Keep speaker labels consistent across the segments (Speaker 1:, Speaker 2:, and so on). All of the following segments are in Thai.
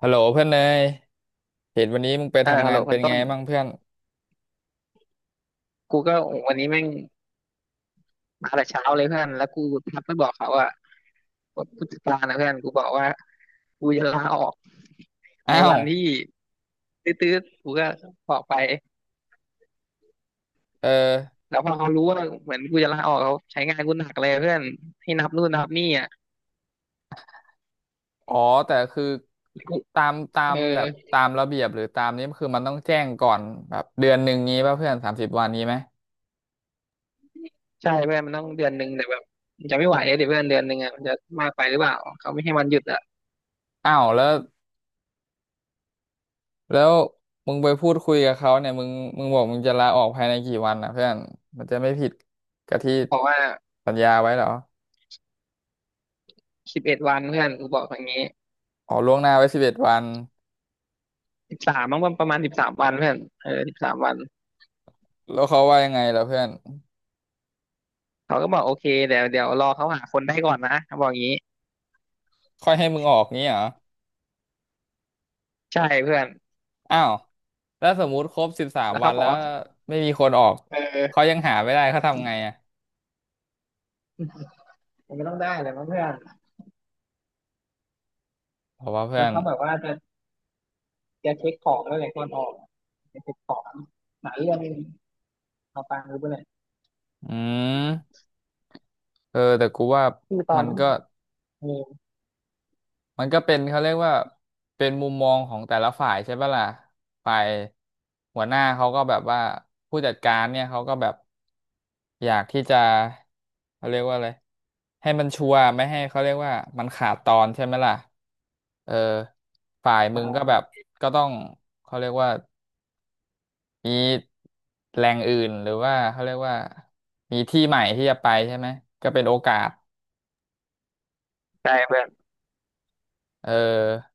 Speaker 1: ฮัลโหลเพื่อนเลยเห็นวันนี้มึงไป
Speaker 2: อ่า
Speaker 1: ทำ
Speaker 2: ฮัลโห
Speaker 1: งา
Speaker 2: ล
Speaker 1: น
Speaker 2: พั
Speaker 1: เป็
Speaker 2: น
Speaker 1: น
Speaker 2: ต้
Speaker 1: ไง
Speaker 2: น
Speaker 1: บ้างเพื่อน
Speaker 2: กูก็วันนี้แม่งมาแต่เช้าเลยเพื่อนแล้วกูทักไปบอกเขาว่าผู้จัดการนะเพื่อนกูบอกว่ากูจะลาออกใน
Speaker 1: อ้า
Speaker 2: วั
Speaker 1: ว
Speaker 2: นที่ตื้อๆกูก็บอกไป
Speaker 1: เออ
Speaker 2: แล้วพอเขารู้ว่าเหมือนกูจะลาออกเขาใช้งานกูหนักเลยเพื่อนให้นับนู่นนับนี่อะ
Speaker 1: อ๋อแต่คือ
Speaker 2: กู
Speaker 1: ตามตา
Speaker 2: เออ
Speaker 1: มแบบตามระเบียบหรือตามนี้คือมันต้องแจ้งก่อนแบบเดือนหนึ่งงี้ป่ะเพื่อนสามสิบวันนี้ไหม
Speaker 2: ใช่เพื่อนมันต้องเดือนหนึ่งแต่แบบมันจะไม่ไหวเลยเดี๋ยวเพื่อนเดือนหนึ่งอะมันจะมากไปหรือเปล่าเขาไม่ให้วันหยุดอะ
Speaker 1: อ้าวแล้วมึงไปพูดคุยกับเขาเนี่ยมึงบอกมึงจะลาออกภายในกี่วันนะเพื่อนมันจะไม่ผิดกับที่
Speaker 2: บอกว่า
Speaker 1: สัญญาไว้เหรอ
Speaker 2: 11 วันเพื่อนกูบอกอย่างนี้
Speaker 1: อ๋อล่วงหน้าไว้สิบเอ็ดวัน
Speaker 2: สิบสามมั้งประมาณสิบสามวันเพื่อนเออสิบสามวัน
Speaker 1: แล้วเขาว่ายังไงล่ะเพื่อน
Speaker 2: เขาก็บอกโอเคเดี๋ยวรอเขาหาคนได้ก่อนนะเขาบอกอย่างนี้
Speaker 1: ค่อยให้มึงออกงี้เหรอ
Speaker 2: ใช่เพื่อน
Speaker 1: อ้าวแล้วสมมุติครบสิบสาม
Speaker 2: แล้ว
Speaker 1: วั
Speaker 2: เขา
Speaker 1: น
Speaker 2: บอ
Speaker 1: แล้
Speaker 2: ก
Speaker 1: ว
Speaker 2: ว่า
Speaker 1: ไม่มีคนออก
Speaker 2: เอ
Speaker 1: เขา
Speaker 2: อ
Speaker 1: ยังหาไม่ได้เขาทำไงอ่ะ
Speaker 2: มันก็ต้องได้แหละมั้งเพื่อน
Speaker 1: เพราะว่าเพื่
Speaker 2: แล้
Speaker 1: อ
Speaker 2: ว
Speaker 1: น
Speaker 2: เขาแบบว่าจะเช็คของแล้วแหละก่อนออกจะเช็คของหลายเรื่องเอาฟังรู้ไปเลย
Speaker 1: อืมเออแต่กูว่า
Speaker 2: คือตอ
Speaker 1: มั
Speaker 2: น
Speaker 1: น
Speaker 2: ที่
Speaker 1: ก็
Speaker 2: เออ
Speaker 1: มันก็เป็นเขาเรียกว่าเป็นมุมมองของแต่ละฝ่ายใช่ปะล่ะฝ่ายหัวหน้าเขาก็แบบว่าผู้จัดการเนี่ยเขาก็แบบอยากที่จะเขาเรียกว่าอะไรให้มันชัวร์ไม่ให้เขาเรียกว่ามันขาดตอนใช่ไหมล่ะเออฝ่ายมึ
Speaker 2: นะ
Speaker 1: ง
Speaker 2: ครั
Speaker 1: ก็แบบ
Speaker 2: บ
Speaker 1: ก็ต้องเขาเรียกว่า มีแหล่งอื่นหรือว่าเขาเรียกว่ามีที่ใหม่ที่จะไปใช่ไหมก็เป็นโอกาส
Speaker 2: ใช่เพื่อน
Speaker 1: เออ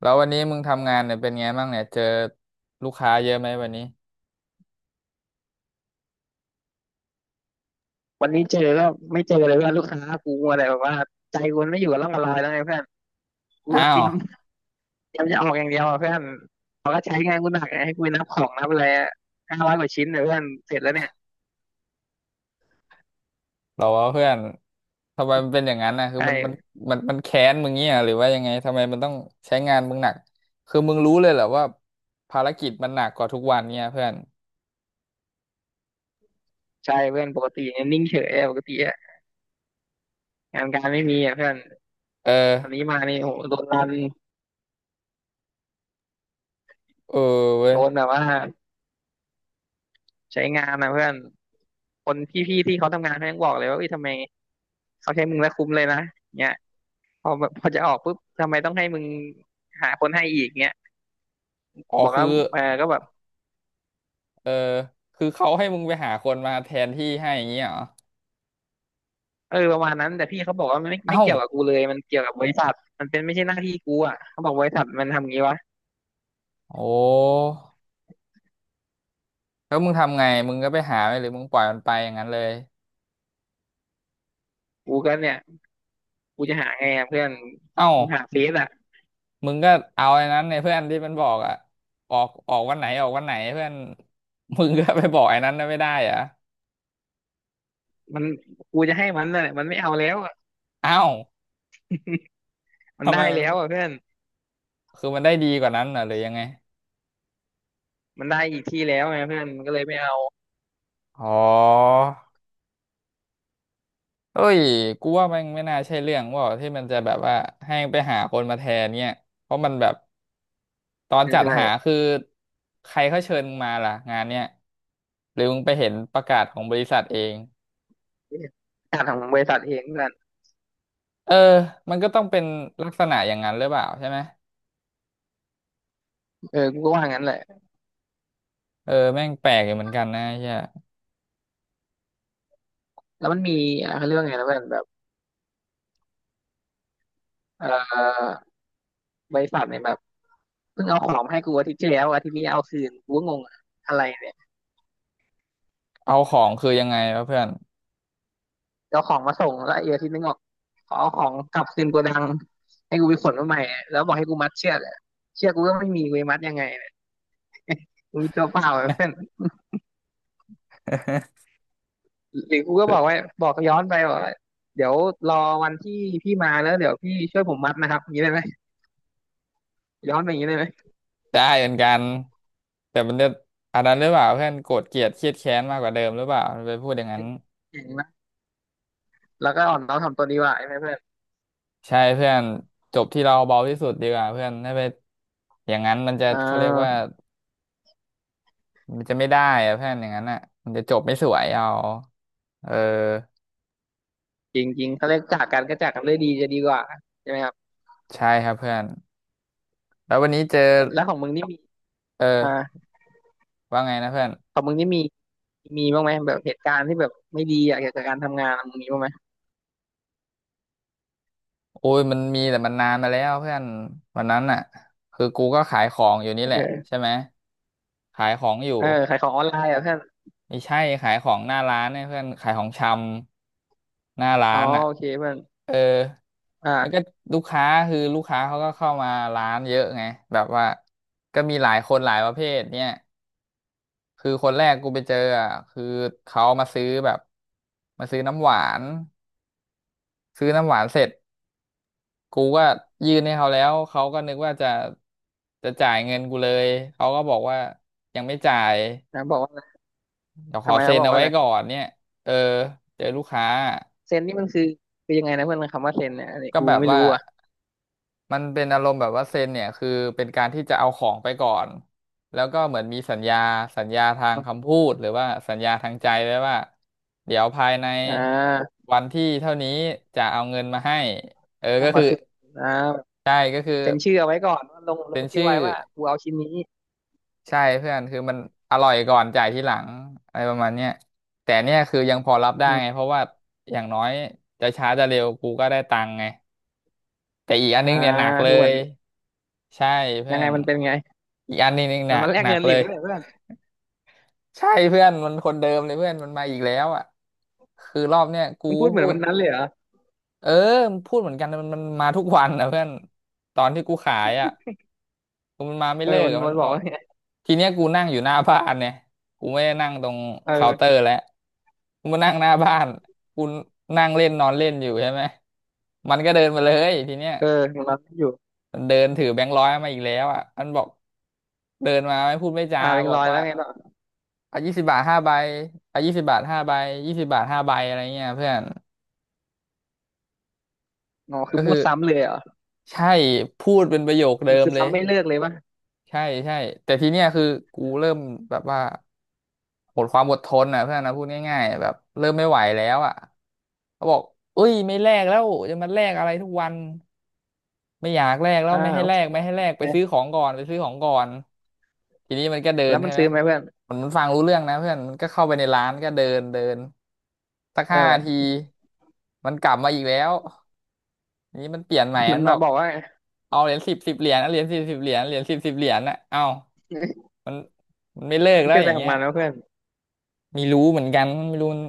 Speaker 1: แล้ววันนี้มึงทำงานเนี่ยเป็นไงบ้างเนี่ยเจอลูกค้าเยอะไหมวันนี้
Speaker 2: วันนี้เจอก็ไม่เจอเลยเพื่อนลูกค้ากูอะไรแบบว่าใจกูไม่อยู่กับร่องกับรอยแล้วไงเพื่อนกู
Speaker 1: อ้า
Speaker 2: ก็เตรี
Speaker 1: ว
Speaker 2: ยมเตรียมจะออกอย่างเดียวอะเพื่อนเขาก็ใช้งานกูหนักไงให้กูนับของนับอะไร500 กว่าชิ้นเนี่ยเพื่อนเสร็จแล้วเนี่ย
Speaker 1: เหรอวะเพื่อนทำไมมันเป็นอย่างนั้นนะ
Speaker 2: ใ
Speaker 1: คือมันมัน
Speaker 2: ช่
Speaker 1: มันมันแค้นมึงเงี้ยหรือว่ายังไงทำไมมันต้องใช้งานมึงหนักคือมึงรู้เลยเหรอว่าภารกิจมันหนักกว่าทุกวันเนี่ยเพื่อน
Speaker 2: ใช่เพื่อนปกติเนี่ยนิ่งเฉยอะปกติอะงานการไม่มีอะเพื่อน
Speaker 1: เออ
Speaker 2: ตอนนี้มานี่โหโดนรัน
Speaker 1: เออเว้ย
Speaker 2: โดนแบบว่าใช้งานนะเพื่อนคนพี่ๆที่เขาทำงานเขายังบอกเลยว่าเอ้ยทำไมเขาใช้มึงแล้วคุ้มเลยนะเนี่ยพอแบบพอจะออกปุ๊บทำไมต้องให้มึงหาคนให้อีกเนี่ย
Speaker 1: อ๋อ
Speaker 2: บอก
Speaker 1: คื
Speaker 2: ว่า
Speaker 1: อ
Speaker 2: เออก็แบบ
Speaker 1: เออคือเขาให้มึงไปหาคนมาแทนที่ให้อย่างเงี้ยเหรอ
Speaker 2: เออประมาณนั้นแต่พี่เขาบอกว่ามันไม่
Speaker 1: เอ้า
Speaker 2: เกี่ยวกับกูเลยมันเกี่ยวกับบริษัทมันเป็นไม่ใช่หน้าที่กูอ่ะเขาบอกบริษัทมันทำงี้วะ
Speaker 1: โอ้แล้วมึงทำไงมึงก็ไปหาไหมหรือมึงปล่อยมันไปอย่างนั้นเลย
Speaker 2: กูก็เนี่ยกูจะหาไงอะเพื่อน
Speaker 1: เอ้า
Speaker 2: คงหาเฟซอ่ะ
Speaker 1: มึงก็เอาไอ้นั้นเนี่ยเพื่อนที่มันบอกอะออกออกวันไหนออกวันไหนเพื่อน มึงก็ไปบอกไอ้นั้นน่ะไม่ได้เหรอะ
Speaker 2: มันกูจะให้มันน่ะมันไม่เอาแล้ว
Speaker 1: เอ้า
Speaker 2: มัน
Speaker 1: ทำไม
Speaker 2: ได้
Speaker 1: มัน
Speaker 2: แล้วอ่ะเพื่อน
Speaker 1: คือมันได้ดีกว่านั้นน่ะหรือยังไง
Speaker 2: มันได้อีกที่แล้วไงเพื่อนมันก็เลยไม่เอา
Speaker 1: อ๋อ เอ้ยกูว่ามันไม่น่าใช่เรื่องว่าที่มันจะแบบว่าให้ไปหาคนมาแทนเนี่ยเพราะมันแบบตอนจัด
Speaker 2: ใช่
Speaker 1: หาคือใครเขาเชิญมึงมาล่ะงานเนี่ยหรือมึงไปเห็นประกาศของบริษัทเอง
Speaker 2: จาดของบริษัทเองเพื่อน
Speaker 1: เออมันก็ต้องเป็นลักษณะอย่างนั้นหรือเปล่าใช่ไหม
Speaker 2: เออกูก็ว่างั้นแหละ
Speaker 1: เออแม่งแปลกอยู่เหมือนกันนะเฮีย
Speaker 2: แล้วมันมีอ่ะเขาเรื่อง่ไงนะเพื่อนแบบเออบริษัทเนี่ยแบบเพิ่งเอาของมาให้กูอาทิตย์ที่แล้วอาทิตย์นี้เอาคืนกูก็งงอะอะไรเนี่ย
Speaker 1: เอาของคือยังไงวะเพื่อน
Speaker 2: เอาของมาส่งแล้วไอ้อาทิตย์นึงบอกขอเอาของกลับคืนโกดังให้กูไปขนมาใหม่แล้วบอกให้กูมัดเชือกอะเชือกกูก็ไม่มีกูจะมัดยังไงเนี่ยกูมีตัวเปล่าอะเพื่อน หรือกูก็บอกว่าบอกย้อนไปบอกว่าเดี๋ยวรอวันที่พี่มาแล้วเดี๋ยวพี่ช่วยผมมัดนะครับอย่างนี้ได้ไหมย้อนไปอย่างนี้ได้ไหม
Speaker 1: ได้เหมือนกันแต่มันจะอันนั้นหรือเปล่าเพื่อนโกรธเกลียดเครียดแค้นมากกว่าเดิมหรือเปล่าไปพูดอย่างนั้น
Speaker 2: เก่งนะแล้วก็อ่อนน้อมถ่อมตนดีกว่าใช่ไหมเพื่อน
Speaker 1: ใช่เพื่อนจบที่เราเบาที่สุดดีกว่าเพื่อนถ้าไปอย่างนั้นมันจะ
Speaker 2: อ่
Speaker 1: เขาเรียกว่า
Speaker 2: า
Speaker 1: มันจะไม่ได้อะเพื่อนอย่างนั้นอ่ะมันจะจบไม่สวยเอาเออ
Speaker 2: จริงจริงเขาเรียกจากกันก็จากกันด้วยดีจะดีกว่าใช่ไหมครับ
Speaker 1: ใช่ครับเพื่อนแล้ววันนี้เจอ
Speaker 2: แล้วของมึงนี่มี
Speaker 1: เออ
Speaker 2: อ่า
Speaker 1: ว่าไงนะเพื่อน
Speaker 2: ของมึงนี่มีมีบ้างไหมแบบเหตุการณ์ที่แบบไม่ดีอะเกี่ยวกับการทำงานมึงมีบ้างไหม
Speaker 1: โอ้ยมันมีแต่มันนานมาแล้วเพื่อนวันนั้นอ่ะคือกูก็ขายของอยู่นี่แหละ
Speaker 2: เออ
Speaker 1: ใช่ไหมขายของอ
Speaker 2: เอ
Speaker 1: ยู่
Speaker 2: อขายของออนไลน์อ่ะเพื่อน
Speaker 1: ไม่ใช่ขายของหน้าร้านเนี่ยเพื่อนขายของชำหน้าร้า
Speaker 2: อ๋อ
Speaker 1: นอ่ะ
Speaker 2: โอเคเพื่อน
Speaker 1: เออ
Speaker 2: อ่
Speaker 1: แล้ว
Speaker 2: า
Speaker 1: ก็ลูกค้าคือลูกค้าเขาก็เข้ามาร้านเยอะไงแบบว่าก็มีหลายคนหลายประเภทเนี่ยคือคนแรกกูไปเจออ่ะคือเขามาซื้อแบบมาซื้อน้ำหวานซื้อน้ำหวานเสร็จกูก็ยื่นให้เขาแล้วเขาก็นึกว่าจะจ่ายเงินกูเลยเขาก็บอกว่ายังไม่จ่าย
Speaker 2: นะบอกว่า
Speaker 1: เดี๋ยวข
Speaker 2: ทำ
Speaker 1: อ
Speaker 2: ไม
Speaker 1: เซ็
Speaker 2: เขา
Speaker 1: น
Speaker 2: บอก
Speaker 1: เอา
Speaker 2: ว่า
Speaker 1: ไว้
Speaker 2: อะไร
Speaker 1: ก่อนเนี่ยเออเจอลูกค้า
Speaker 2: เซนนี่มันคือคือยังไงนะเพื่อนคำว่าเซนเนี่ยอันนี้
Speaker 1: ก็
Speaker 2: กู
Speaker 1: แบบ
Speaker 2: ไม่
Speaker 1: ว่า
Speaker 2: รู้อ่ะ
Speaker 1: มันเป็นอารมณ์แบบว่าเซ็นเนี่ยคือเป็นการที่จะเอาของไปก่อนแล้วก็เหมือนมีสัญญาทางคำพูดหรือว่าสัญญาทางใจไว้ว่าเดี๋ยวภายใน
Speaker 2: อ่า
Speaker 1: วันที่เท่านี้จะเอาเงินมาให้เออ
Speaker 2: เอา
Speaker 1: ก็
Speaker 2: มา
Speaker 1: คือ
Speaker 2: คืนอ่า
Speaker 1: ใช่ก็คือ
Speaker 2: เซ็นชื่อเอาไว้ก่อนว่าลงล
Speaker 1: เป็
Speaker 2: ง
Speaker 1: น
Speaker 2: ชื่อ
Speaker 1: ชื่อ
Speaker 2: ไว้ว่ากูเอาชิ้นนี้
Speaker 1: ใช่เพื่อนคือมันอร่อยก่อนจ่ายทีหลังอะไรประมาณเนี้ยแต่เนี่ยคือยังพอรับ
Speaker 2: อื
Speaker 1: ได้ไง
Speaker 2: ม
Speaker 1: เพราะว่าอย่างน้อยจะช้าจะเร็วกูก็ได้ตังค์ไงแต่อีกอัน
Speaker 2: อ่า
Speaker 1: นึงเนี่ยหนักเล
Speaker 2: คือเหมื
Speaker 1: ย
Speaker 2: อน
Speaker 1: ใช่เพื่
Speaker 2: ยั
Speaker 1: อ
Speaker 2: งไง
Speaker 1: น
Speaker 2: มันเป็นไง
Speaker 1: อีกอันนี้นี่ห
Speaker 2: มั
Speaker 1: นั
Speaker 2: น
Speaker 1: ก
Speaker 2: มาแล
Speaker 1: ห
Speaker 2: ก
Speaker 1: นั
Speaker 2: เงิ
Speaker 1: ก
Speaker 2: นห
Speaker 1: เล
Speaker 2: ลิบ
Speaker 1: ย
Speaker 2: กันเหรือเปล่าเพื่อน
Speaker 1: ใช่เพื่อนมันคนเดิมเลยเพื่อนมันมาอีกแล้วอ่ะคือรอบเนี้ยกู
Speaker 2: มันพูดเหมื
Speaker 1: พู
Speaker 2: อน
Speaker 1: ด
Speaker 2: มันนั้นเลยเหรอ
Speaker 1: เออมันพูดเหมือนกันแตมันมาทุกวันนะเพื่อนตอนที่กูขายอ่ะกูมันมาไม่
Speaker 2: เออ
Speaker 1: เลิก
Speaker 2: มัน
Speaker 1: อะมั
Speaker 2: มั
Speaker 1: น
Speaker 2: นบ
Speaker 1: บ
Speaker 2: อก
Speaker 1: อก
Speaker 2: ว่าไง
Speaker 1: ทีเนี้ยกูนั่งอยู่หน้าบ้านเนี่ยกูไม่ได้นั่งตรงเคาน์เตอ
Speaker 2: เออ
Speaker 1: ร์แล้วกูมานั่งหน้าบ้านกูนั่งเล่นนอนเล่นอยู่ใช่ไหมมันก็เดินมาเลยทีเนี้ย
Speaker 2: เออมันรับอยู่
Speaker 1: มันเดินถือแบงค์ร้อยมาอีกแล้วอ่ะมันบอกเดินมาไม่พูดไม่จา
Speaker 2: อ่าเป็น
Speaker 1: บ
Speaker 2: ร
Speaker 1: อก
Speaker 2: อยแล้
Speaker 1: ว่า
Speaker 2: วไงต่อ
Speaker 1: อ่ะยี่สิบบาทห้าใบอ่ะยี่สิบบาทห้าใบยี่สิบบาทห้าใบอะไรเงี้ยเพื่อน
Speaker 2: อ๋อคื
Speaker 1: ก็
Speaker 2: อมั่
Speaker 1: คื
Speaker 2: ว
Speaker 1: อ
Speaker 2: ซ้ำเลยเหรอ
Speaker 1: ใช่พูดเป็นประโยคเดิม
Speaker 2: คือ
Speaker 1: เลย
Speaker 2: ซ้ำไม่เลิกเลยป่ะ
Speaker 1: ใช่ใช่แต่ทีเนี้ยคือกูเริ่มแบบว่าหมดความอดทนอ่ะเพื่อนนะพูดง่ายๆแบบเริ่มไม่ไหวแล้วอ่ะเขาบอกเอ้ยไม่แลกแล้วจะมาแลกอะไรทุกวัน ไม่อยากแลกแล้ว
Speaker 2: อ่า
Speaker 1: ไม่ให้
Speaker 2: โอ
Speaker 1: แล
Speaker 2: เค
Speaker 1: กไม่ให้แลกไปซื้อของก่อนไปซื้อของก่อนทีนี้มันก็เดิ
Speaker 2: แล้
Speaker 1: น
Speaker 2: วมั
Speaker 1: ใช่
Speaker 2: น
Speaker 1: ไหม
Speaker 2: ซื้อไหมเพื่อน
Speaker 1: มันฟังรู้เรื่องนะเพื่อนมันก็เข้าไปในร้านก็เดินเดินสัก
Speaker 2: เอ
Speaker 1: 5 ที
Speaker 2: อ
Speaker 1: มันกลับมาอีกแล้วทีนี้มันเปลี่ยนใหม่
Speaker 2: มั
Speaker 1: มั
Speaker 2: น
Speaker 1: นบ
Speaker 2: มา
Speaker 1: อก
Speaker 2: บอกว่า
Speaker 1: เอาเหรียญสิบสิบเหรียญเอาเหรียญสิบสิบเหรียญเหรียญสิบสิบเหรียญนะเอามันมันไม่เลิก
Speaker 2: มัน
Speaker 1: แล้ว
Speaker 2: เป็น
Speaker 1: อ
Speaker 2: อะไร
Speaker 1: ย่าง
Speaker 2: ของ
Speaker 1: เงี้ย
Speaker 2: มันแล้วะเพื่อน
Speaker 1: มีรู้เหมือนกันไม่รู้มัน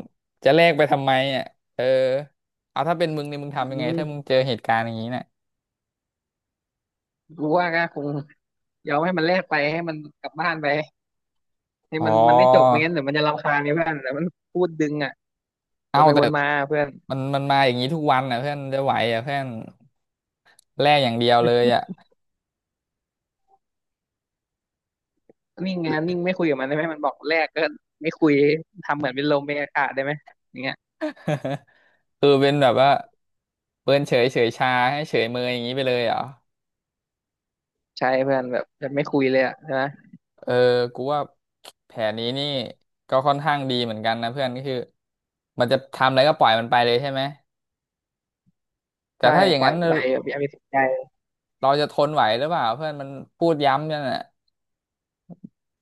Speaker 1: จะแลกไปทำไมอ่ะเออเอาถ้าเป็นมึงเนี่ยมึง
Speaker 2: อื
Speaker 1: ทำยังไงถ้ามึ
Speaker 2: ม
Speaker 1: งเจอเหตุการณ์อย่างนี้นะ
Speaker 2: กูว่าก็คงยอมให้มันแลกไปให้มันกลับบ้านไปให้
Speaker 1: อ๋อ
Speaker 2: มันมันได้จบไม่งั้นเดี๋ยวมันจะรำคาญไงเพื่อนแต่มันพูดดึงอ่ะ
Speaker 1: เอา
Speaker 2: วนไป
Speaker 1: แต่
Speaker 2: วนมาเพื่อน
Speaker 1: มันมาอย่างนี้ทุกวันอ่ะเพื่อนจะไหวอ่ะเพื่อนแลกอย่างเดียวเลยอ่ะ
Speaker 2: นิ่งไงนิ่งไม่คุยกับมันได้ไหมมันบอกแรกก็ไม่คุยทำเหมือนเป็นลมเป็นอากาศได้ไหมอย่างเงี้ย
Speaker 1: คือเป็นแบบว่าเปิ้นเฉยชาให้เฉยเมยอย่างนี้ไปเลยเหรอ
Speaker 2: ใช่เพื่อนแบบจะไม่คุยเลยอะใช่ไหม
Speaker 1: เออกูว่าแผนนี้นี่ก็ค่อนข้างดีเหมือนกันนะเพื่อนก็คือมันจะทำอะไรก็ปล่อยมันไปเลยใช่ไหมแต่
Speaker 2: ใช่
Speaker 1: ถ้าอย่า
Speaker 2: ป
Speaker 1: ง
Speaker 2: ล่อ
Speaker 1: นั้
Speaker 2: ย
Speaker 1: น
Speaker 2: มันไปแบบอย่าไปสนใจ
Speaker 1: เราจะทนไหวหรือเปล่าเพื่อนมันพูดย้ำนั่นน่ะ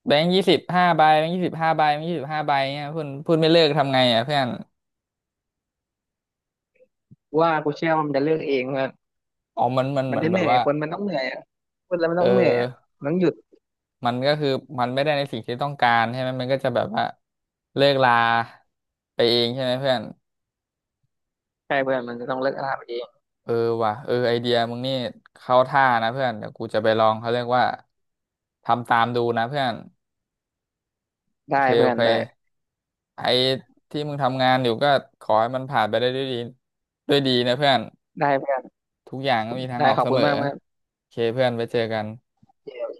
Speaker 1: แบงค์ยี่สิบห้าใบแบงค์ยี่สิบห้าใบแบงค์ยี่สิบห้าใบเนี่ยเพื่อนพูดไม่เลิกทำไงอ่ะเพื่อน
Speaker 2: ว่ากูเชื่อว่ามันจะเลือกเองเพื่อน
Speaker 1: อ๋อมันเห
Speaker 2: มัน
Speaker 1: มือน
Speaker 2: จะเห
Speaker 1: แบบ
Speaker 2: นื่อย
Speaker 1: ว่า
Speaker 2: คนมันต้องเหนื่อยอะพูดแล้วมัน
Speaker 1: เออ
Speaker 2: ต้องเหนื่อยอะมันต้องหยุด
Speaker 1: มันก็คือมันไม่ได้ในสิ่งที่ต้องการใช่ไหมมันก็จะแบบว่าเลิกลาไปเองใช่ไหมเพื่อน
Speaker 2: ใช่เพื่อนมันจะต้องเลิกอาหารเอง
Speaker 1: เออว่ะเออไอเดียมึงนี่เข้าท่านะเพื่อนเดี๋ยวกูจะไปลองเขาเรียกว่าทำตามดูนะเพื่อนโอ
Speaker 2: ได้
Speaker 1: เค
Speaker 2: เพื่
Speaker 1: โอ
Speaker 2: อน
Speaker 1: เค
Speaker 2: ได้
Speaker 1: ไอที่มึงทำงานอยู่ก็ขอให้มันผ่านไปได้ด้วยดีด้วยดีนะเพื่อน
Speaker 2: ได้เพื่อน
Speaker 1: ทุกอย่างก็มีทาง
Speaker 2: ได้
Speaker 1: ออก
Speaker 2: ขอบ
Speaker 1: เส
Speaker 2: คุ
Speaker 1: ม
Speaker 2: ณ
Speaker 1: อ
Speaker 2: มากเพื่อน
Speaker 1: โอเคเพื่อนไปเจอกัน
Speaker 2: โอเคโอเค